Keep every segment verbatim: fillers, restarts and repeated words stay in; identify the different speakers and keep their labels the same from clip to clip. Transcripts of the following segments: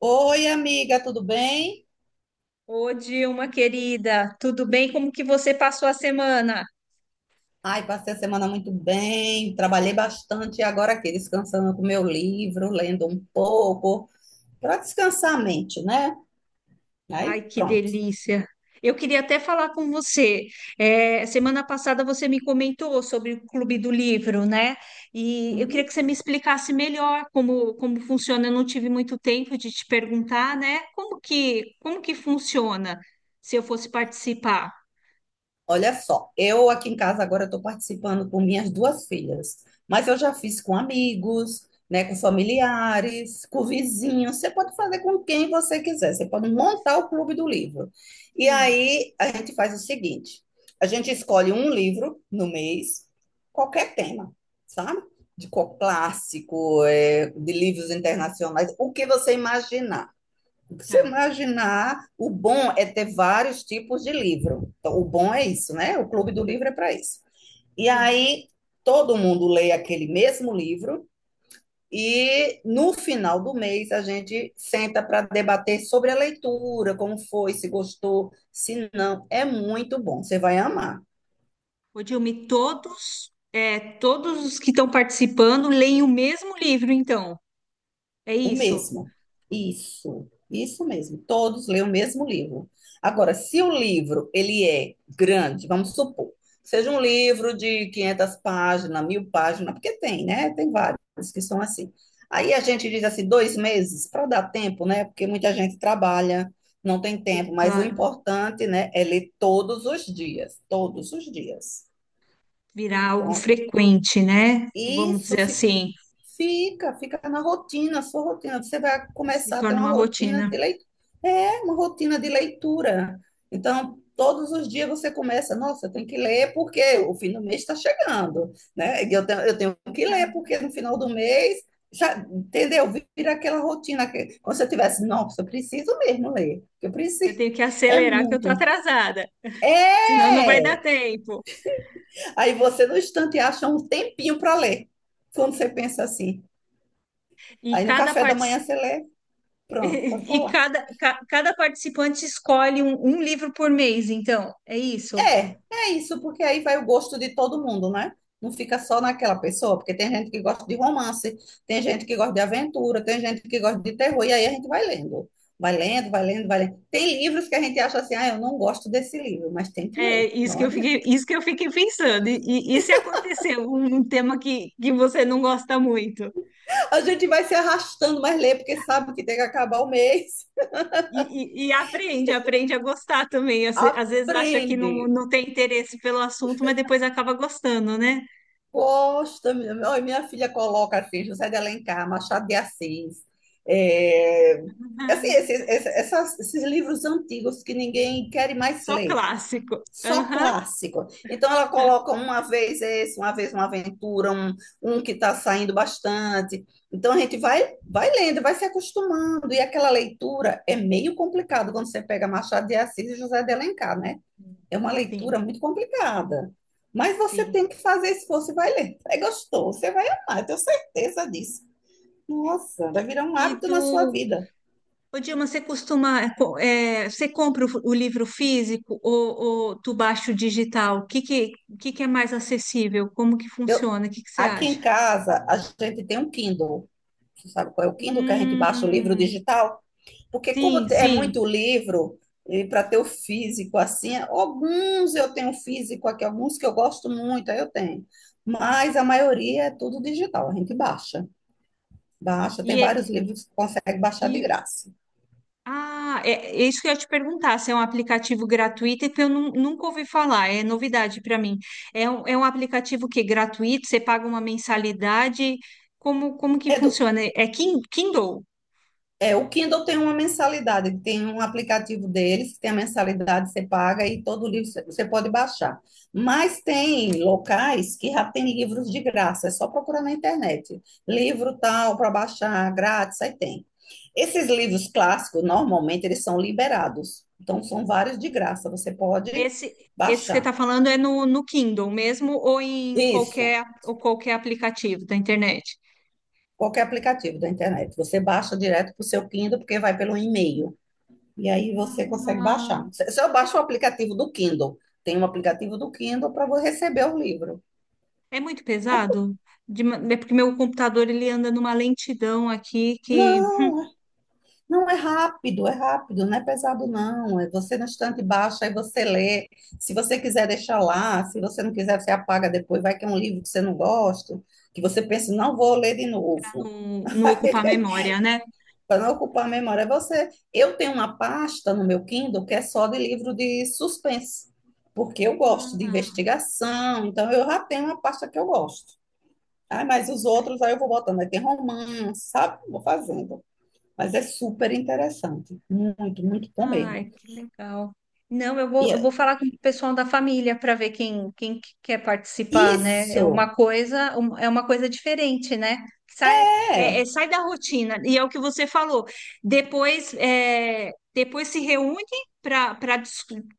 Speaker 1: Oi, amiga, tudo bem?
Speaker 2: Ô, Dilma, querida, tudo bem? Como que você passou a semana?
Speaker 1: Ai, passei a semana muito bem, trabalhei bastante e agora aqui descansando com meu livro, lendo um pouco, para descansar a mente, né? Aí,
Speaker 2: Ai, que
Speaker 1: pronto.
Speaker 2: delícia! Eu queria até falar com você. É, semana passada você me comentou sobre o Clube do Livro, né? E eu queria que você me explicasse melhor como, como funciona. Eu não tive muito tempo de te perguntar, né? Como que, como que funciona se eu fosse participar?
Speaker 1: Olha só, eu aqui em casa agora estou participando com minhas duas filhas, mas eu já fiz com amigos, né, com familiares, com vizinhos. Você pode fazer com quem você quiser, você pode montar o clube do livro. E
Speaker 2: Sim,
Speaker 1: aí a gente faz o seguinte: a gente escolhe um livro no mês, qualquer tema, sabe? De co- clássico, eh, de livros internacionais, o que você imaginar. O que Você
Speaker 2: tá.
Speaker 1: imaginar, o bom é ter vários tipos de livro. Então, o bom é
Speaker 2: Si-
Speaker 1: isso, né? O clube do livro é para isso. E
Speaker 2: Sim.
Speaker 1: aí todo mundo lê aquele mesmo livro e no final do mês a gente senta para debater sobre a leitura, como foi, se gostou, se não. É muito bom, você vai amar.
Speaker 2: Ô, Dilma, e todos, é, todos os que estão participando leem o mesmo livro, então. É
Speaker 1: O
Speaker 2: isso?
Speaker 1: mesmo. Isso, isso mesmo. Todos leem o mesmo livro. Agora, se o livro ele é grande, vamos supor, seja um livro de quinhentas páginas, mil páginas, porque tem, né? Tem vários que são assim. Aí a gente diz assim, dois meses para dar tempo, né? Porque muita gente trabalha, não tem
Speaker 2: Sim,
Speaker 1: tempo, mas o
Speaker 2: claro.
Speaker 1: importante, né, é ler todos os dias, todos os dias.
Speaker 2: Virar algo
Speaker 1: Então,
Speaker 2: frequente, né? Vamos
Speaker 1: isso
Speaker 2: dizer assim.
Speaker 1: Fica, fica na rotina, sua rotina. Você vai
Speaker 2: Se
Speaker 1: começar a ter
Speaker 2: torna
Speaker 1: uma
Speaker 2: uma
Speaker 1: rotina
Speaker 2: rotina.
Speaker 1: de leitura. É, uma rotina de leitura. Então, todos os dias você começa, nossa, eu tenho que ler porque o fim do mês está chegando, né? E Eu tenho, eu tenho que ler porque no final do mês, já, entendeu? Vira aquela rotina que, como se eu tivesse, nossa, eu preciso mesmo ler, eu
Speaker 2: Eu
Speaker 1: preciso.
Speaker 2: tenho que
Speaker 1: É
Speaker 2: acelerar que eu tô
Speaker 1: muito.
Speaker 2: atrasada, senão não vai dar
Speaker 1: É!
Speaker 2: tempo.
Speaker 1: Aí você, no instante, acha um tempinho para ler, quando você pensa assim.
Speaker 2: E
Speaker 1: Aí no
Speaker 2: cada
Speaker 1: café da
Speaker 2: partici-
Speaker 1: manhã você lê, pronto, pode
Speaker 2: e
Speaker 1: falar.
Speaker 2: cada, ca- cada participante escolhe um, um livro por mês, então, é isso.
Speaker 1: É, é isso, porque aí vai o gosto de todo mundo, né? Não fica só naquela pessoa, porque tem gente que gosta de romance, tem gente que gosta de aventura, tem gente que gosta de terror, e aí a gente vai lendo. Vai lendo, vai lendo, vai lendo. Tem livros que a gente acha assim, ah, eu não gosto desse livro, mas tem que
Speaker 2: É
Speaker 1: ler.
Speaker 2: isso
Speaker 1: Não
Speaker 2: que eu
Speaker 1: adianta.
Speaker 2: fiquei, isso que eu fiquei pensando. E, e- e se acontecer um, um tema que, que você não gosta muito?
Speaker 1: A gente vai se arrastando, mas lê, porque sabe que tem que acabar o mês.
Speaker 2: E, e- e aprende, aprende a gostar também. Às, às vezes acha que não,
Speaker 1: Aprende.
Speaker 2: não tem interesse pelo assunto, mas depois acaba gostando, né?
Speaker 1: Gosta, minha, olha, minha filha coloca assim, José de Alencar, Machado de Assis, é, assim,
Speaker 2: Uhum.
Speaker 1: esses, esses, essas- esses livros antigos que ninguém quer mais
Speaker 2: Só
Speaker 1: ler,
Speaker 2: clássico.
Speaker 1: só
Speaker 2: Aham.
Speaker 1: clássico. Então ela coloca uma vez esse, uma vez uma aventura, um, um que está saindo bastante. Então a gente vai, vai lendo, vai se acostumando, e aquela leitura é meio complicado quando você pega Machado de Assis e José de Alencar, né? É uma
Speaker 2: Sim,
Speaker 1: leitura muito complicada. Mas você
Speaker 2: sim.
Speaker 1: tem que fazer esforço e vai ler. Aí gostou, você vai amar, eu tenho certeza disso. Nossa, vai virar um
Speaker 2: E
Speaker 1: hábito
Speaker 2: tu,
Speaker 1: na sua vida.
Speaker 2: ô Dilma, você costuma, é, co- é, você compra o, o livro físico ou, ou tu baixa o digital? O que que, o que que é mais acessível? Como que
Speaker 1: Eu,
Speaker 2: funciona? O que que você
Speaker 1: aqui
Speaker 2: acha?
Speaker 1: em casa, a gente tem um Kindle. Você sabe qual é o Kindle que a gente baixa o livro
Speaker 2: Hum,
Speaker 1: digital? Porque como
Speaker 2: sim,
Speaker 1: é
Speaker 2: sim.
Speaker 1: muito livro, e para ter o físico assim, alguns eu tenho um físico aqui, alguns que eu gosto muito, aí eu tenho. Mas a maioria é tudo digital, a gente baixa. Baixa, tem
Speaker 2: E,
Speaker 1: vários
Speaker 2: é-
Speaker 1: livros que consegue baixar de
Speaker 2: e
Speaker 1: graça.
Speaker 2: Ah, é, é isso que eu ia te perguntar, se é um aplicativo gratuito, é que eu nun- nunca ouvi falar, é novidade para mim. É um, é um aplicativo que é gratuito, você paga uma mensalidade, como, como que
Speaker 1: É, do,
Speaker 2: funciona? É Kin- Kindle?
Speaker 1: é, o Kindle tem uma mensalidade, que tem um aplicativo deles, que tem a mensalidade, você paga e todo livro você você pode baixar. Mas tem locais que já tem livros de graça, é só procurar na internet. Livro tal, para baixar grátis, aí tem. Esses livros clássicos, normalmente, eles são liberados. Então, são vários de graça, você pode
Speaker 2: Esse, esse que você
Speaker 1: baixar.
Speaker 2: está falando é no, no Kindle mesmo ou em
Speaker 1: Isso,
Speaker 2: qualquer, ou qualquer aplicativo da internet?
Speaker 1: qualquer aplicativo da internet. Você baixa direto para o seu Kindle, porque vai pelo e-mail. E aí você consegue
Speaker 2: Ah,
Speaker 1: baixar. Se se eu baixo o aplicativo do Kindle, tem um aplicativo do Kindle para você receber o livro.
Speaker 2: é muito pesado? De ma- é porque meu computador ele anda numa lentidão aqui que
Speaker 1: Não, não é rápido, é rápido, não é pesado, não. É você no instante baixa e você lê. Se você quiser deixar lá, se você não quiser, você apaga depois. Vai que é um livro que você não gosta, que você pensa, não vou ler de novo.
Speaker 2: não, não ocupa a memória, né?
Speaker 1: Para não ocupar a memória, é você. Eu tenho uma pasta no meu Kindle que é só de livro de suspense, porque eu gosto de investigação, então eu já tenho uma pasta que eu gosto. Ah, mas os outros aí eu vou botando. Aí tem romance, sabe? Vou fazendo. Mas é super interessante. Muito, muito bom mesmo.
Speaker 2: Ai, que legal. Não, eu
Speaker 1: E
Speaker 2: vou, eu
Speaker 1: é-
Speaker 2: vou falar com o pessoal da família para ver quem, quem que quer participar, né? É
Speaker 1: isso
Speaker 2: uma coisa, um- é uma coisa diferente, né? Sai, é- é-
Speaker 1: é,
Speaker 2: sai da rotina. E é o que você falou. Depois, é, depois se reúne para para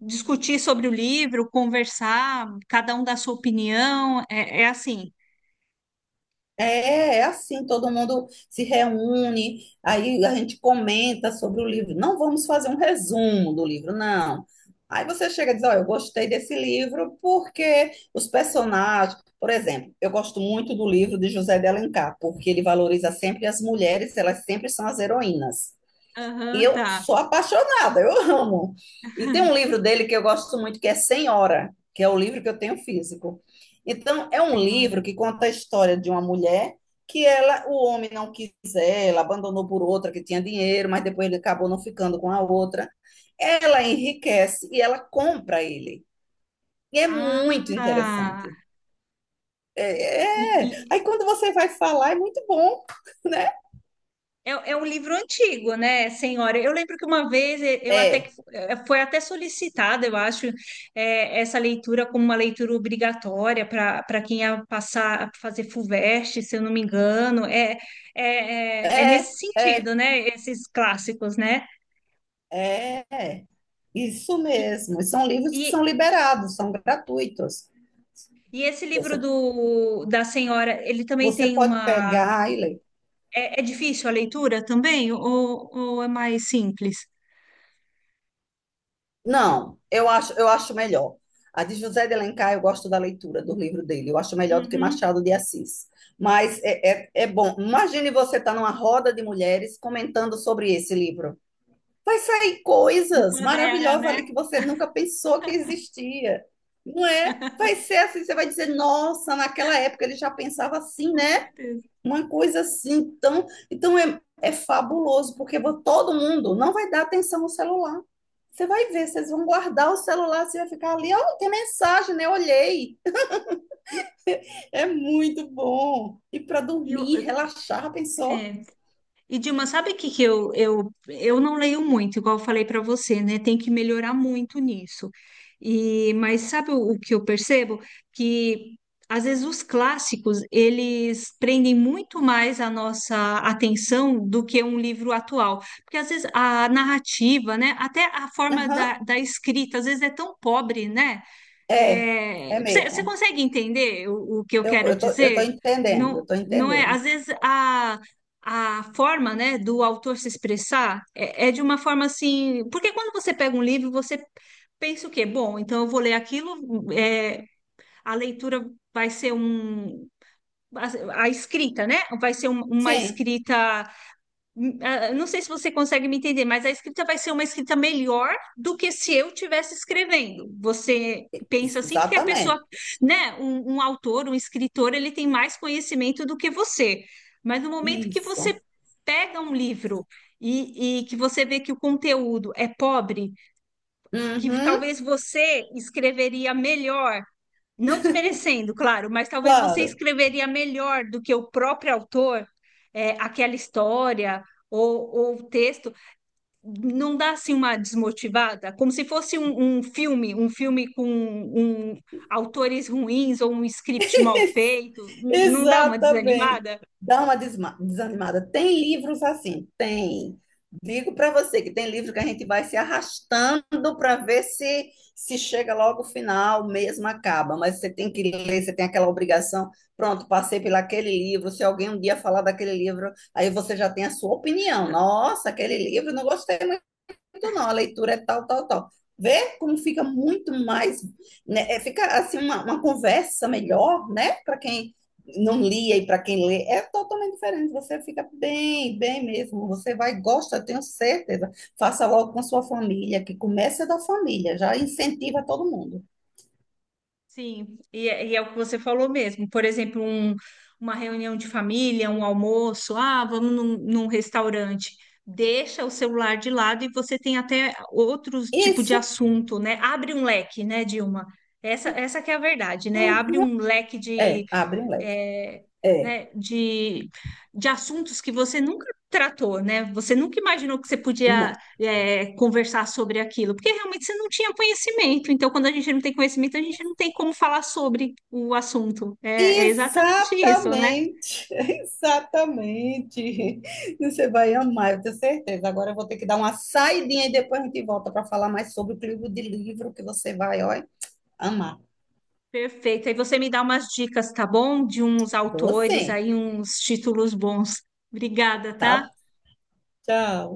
Speaker 2: discutir sobre o livro, conversar, cada um dá sua opinião. É, é assim.
Speaker 1: é, É assim, todo mundo se reúne, aí a gente comenta sobre o livro. Não vamos fazer um resumo do livro, não. Aí você chega e diz, olha, eu gostei desse livro porque os personagens, por exemplo, eu gosto muito do livro de José de Alencar, porque ele valoriza sempre as mulheres, elas sempre são as heroínas. E
Speaker 2: Aham,
Speaker 1: eu
Speaker 2: tá,
Speaker 1: sou apaixonada, eu amo. E tem um livro dele que eu gosto muito, que é Senhora, que é o livro que eu tenho físico. Então, é um
Speaker 2: senhora.
Speaker 1: livro que conta a história de uma mulher que ela, o homem não quis ela, abandonou por outra que tinha dinheiro, mas depois ele acabou não ficando com a outra. Ela enriquece e ela compra ele. E é muito
Speaker 2: Ah,
Speaker 1: interessante. É, é.
Speaker 2: e,
Speaker 1: Aí quando você vai falar, é muito bom, né?
Speaker 2: É, é um livro antigo, né, senhora? Eu lembro que uma vez eh, eu até que
Speaker 1: É,
Speaker 2: fu- eh, foi até solicitada, eu acho, eh, essa leitura como uma leitura obrigatória para para quem ia passar a fazer FUVEST, se eu não me engano. É, é, é, é nesse
Speaker 1: é,
Speaker 2: sentido, né? Esses clássicos, né?
Speaker 1: é, é. Isso
Speaker 2: E,
Speaker 1: mesmo. E são livros
Speaker 2: e,
Speaker 1: que são liberados, são gratuitos.
Speaker 2: e esse livro
Speaker 1: Você,
Speaker 2: do, da senhora, ele também
Speaker 1: Você
Speaker 2: tem
Speaker 1: pode
Speaker 2: uma.
Speaker 1: pegar e ler.
Speaker 2: É, é difícil a leitura também? Ou, ou é mais simples?
Speaker 1: Não, eu acho, eu acho melhor. A de José de Alencar, eu
Speaker 2: Tá.
Speaker 1: gosto da leitura do livro dele. Eu acho melhor do que
Speaker 2: Uhum.
Speaker 1: Machado de Assis. Mas é, é, é bom. Imagine você estar numa roda de mulheres comentando sobre esse livro. Vai sair coisas
Speaker 2: Empodera,
Speaker 1: maravilhosas ali
Speaker 2: né?
Speaker 1: que você nunca pensou que existia. Não é? Vai ser assim, você vai dizer, nossa, naquela época ele já pensava assim,
Speaker 2: Com
Speaker 1: né?
Speaker 2: certeza.
Speaker 1: Uma coisa assim, então, então é, é fabuloso, porque vo- todo mundo não vai dar atenção ao celular. Você vai ver, vocês vão guardar o celular, você vai ficar ali, ó, tem mensagem, né? Olhei. É muito bom. E para
Speaker 2: E eu,
Speaker 1: dormir, relaxar, pensou?
Speaker 2: é. E Dilma, sabe o que que eu, eu, eu não leio muito, igual eu falei para você, né? Tem que melhorar muito nisso. E, mas sabe o, o que eu percebo? Que às vezes os clássicos, eles prendem muito mais a nossa atenção do que um livro atual. Porque às vezes a narrativa, né? Até a forma da,
Speaker 1: Aham,
Speaker 2: da escrita, às vezes é tão pobre, né?
Speaker 1: é, é
Speaker 2: É, você, você
Speaker 1: mesmo.
Speaker 2: consegue entender o, o que eu
Speaker 1: Eu,
Speaker 2: quero
Speaker 1: eu tô, eu tô
Speaker 2: dizer?
Speaker 1: entendendo,
Speaker 2: Não,
Speaker 1: eu tô
Speaker 2: não é,
Speaker 1: entendendo.
Speaker 2: às vezes a, a forma, né, do autor se expressar é, é de uma forma assim, porque quando você pega um livro, você pensa o quê? Bom, então eu vou ler aquilo, é, a leitura vai ser um, a, a escrita, né? Vai ser um- uma
Speaker 1: Sim,
Speaker 2: escrita ah, não sei se você consegue me entender, mas a escrita vai ser uma escrita melhor do que se eu estivesse escrevendo. Você pensa assim, porque a pessoa,
Speaker 1: exatamente.
Speaker 2: né, um, um autor, um escritor, ele tem mais conhecimento do que você. Mas no momento que você
Speaker 1: Isso.
Speaker 2: pega um livro e, e que você vê que o conteúdo é pobre, que
Speaker 1: Uhum,
Speaker 2: talvez você escreveria melhor não desmerecendo, claro, mas talvez você
Speaker 1: claro.
Speaker 2: escreveria melhor do que o próprio autor, é, aquela história ou, ou o texto. Não dá assim uma desmotivada, como se fosse um, um filme, um filme com um, autores ruins ou um script mal feito. N- Não dá uma
Speaker 1: Exatamente.
Speaker 2: desanimada?
Speaker 1: Dá uma desma- desanimada. Tem livros assim, tem. Digo para você que tem livro que a gente vai se arrastando para ver se se chega logo ao final, mesmo acaba, mas você tem que ler, você tem aquela obrigação. Pronto, passei por aquele livro. Se alguém um dia falar daquele livro, aí você já tem a sua opinião. Nossa, aquele livro, não gostei muito, não, a leitura é tal, tal, tal. Vê como fica muito mais, né? É, fica assim uma, uma conversa melhor, né? Para quem não lia e para quem lê, é totalmente diferente. Você fica bem, bem mesmo. Você vai, gosta, eu tenho certeza. Faça logo com sua família, que comece da família, já incentiva todo mundo.
Speaker 2: Sim, e é, e é o que você falou mesmo. Por exemplo, um- uma reunião de família, um almoço, ah, vamos num, num restaurante. Deixa o celular de lado e você tem até outros tipo de
Speaker 1: Isso
Speaker 2: assunto, né? Abre um leque, né, Dilma? Essa, essa que é a verdade, né? Abre
Speaker 1: ah,
Speaker 2: um leque
Speaker 1: é, abre um leque.
Speaker 2: é,
Speaker 1: É,
Speaker 2: né, de, de assuntos que você nunca tratou, né? Você nunca imaginou que você podia,
Speaker 1: não.
Speaker 2: é, conversar sobre aquilo, porque realmente você não tinha conhecimento. Então, quando a gente não tem conhecimento, a gente não tem como falar sobre o assunto. É, é exatamente isso, né?
Speaker 1: Exatamente, exatamente. Você vai amar, eu tenho certeza. Agora eu vou ter que dar uma saidinha e depois a gente volta para falar mais sobre o clube de livro que você vai, ó, amar.
Speaker 2: Perfeito. Aí você me dá umas dicas, tá bom? De uns autores
Speaker 1: Você,
Speaker 2: aí, uns títulos bons. Obrigada, tá?
Speaker 1: tá? Tchau.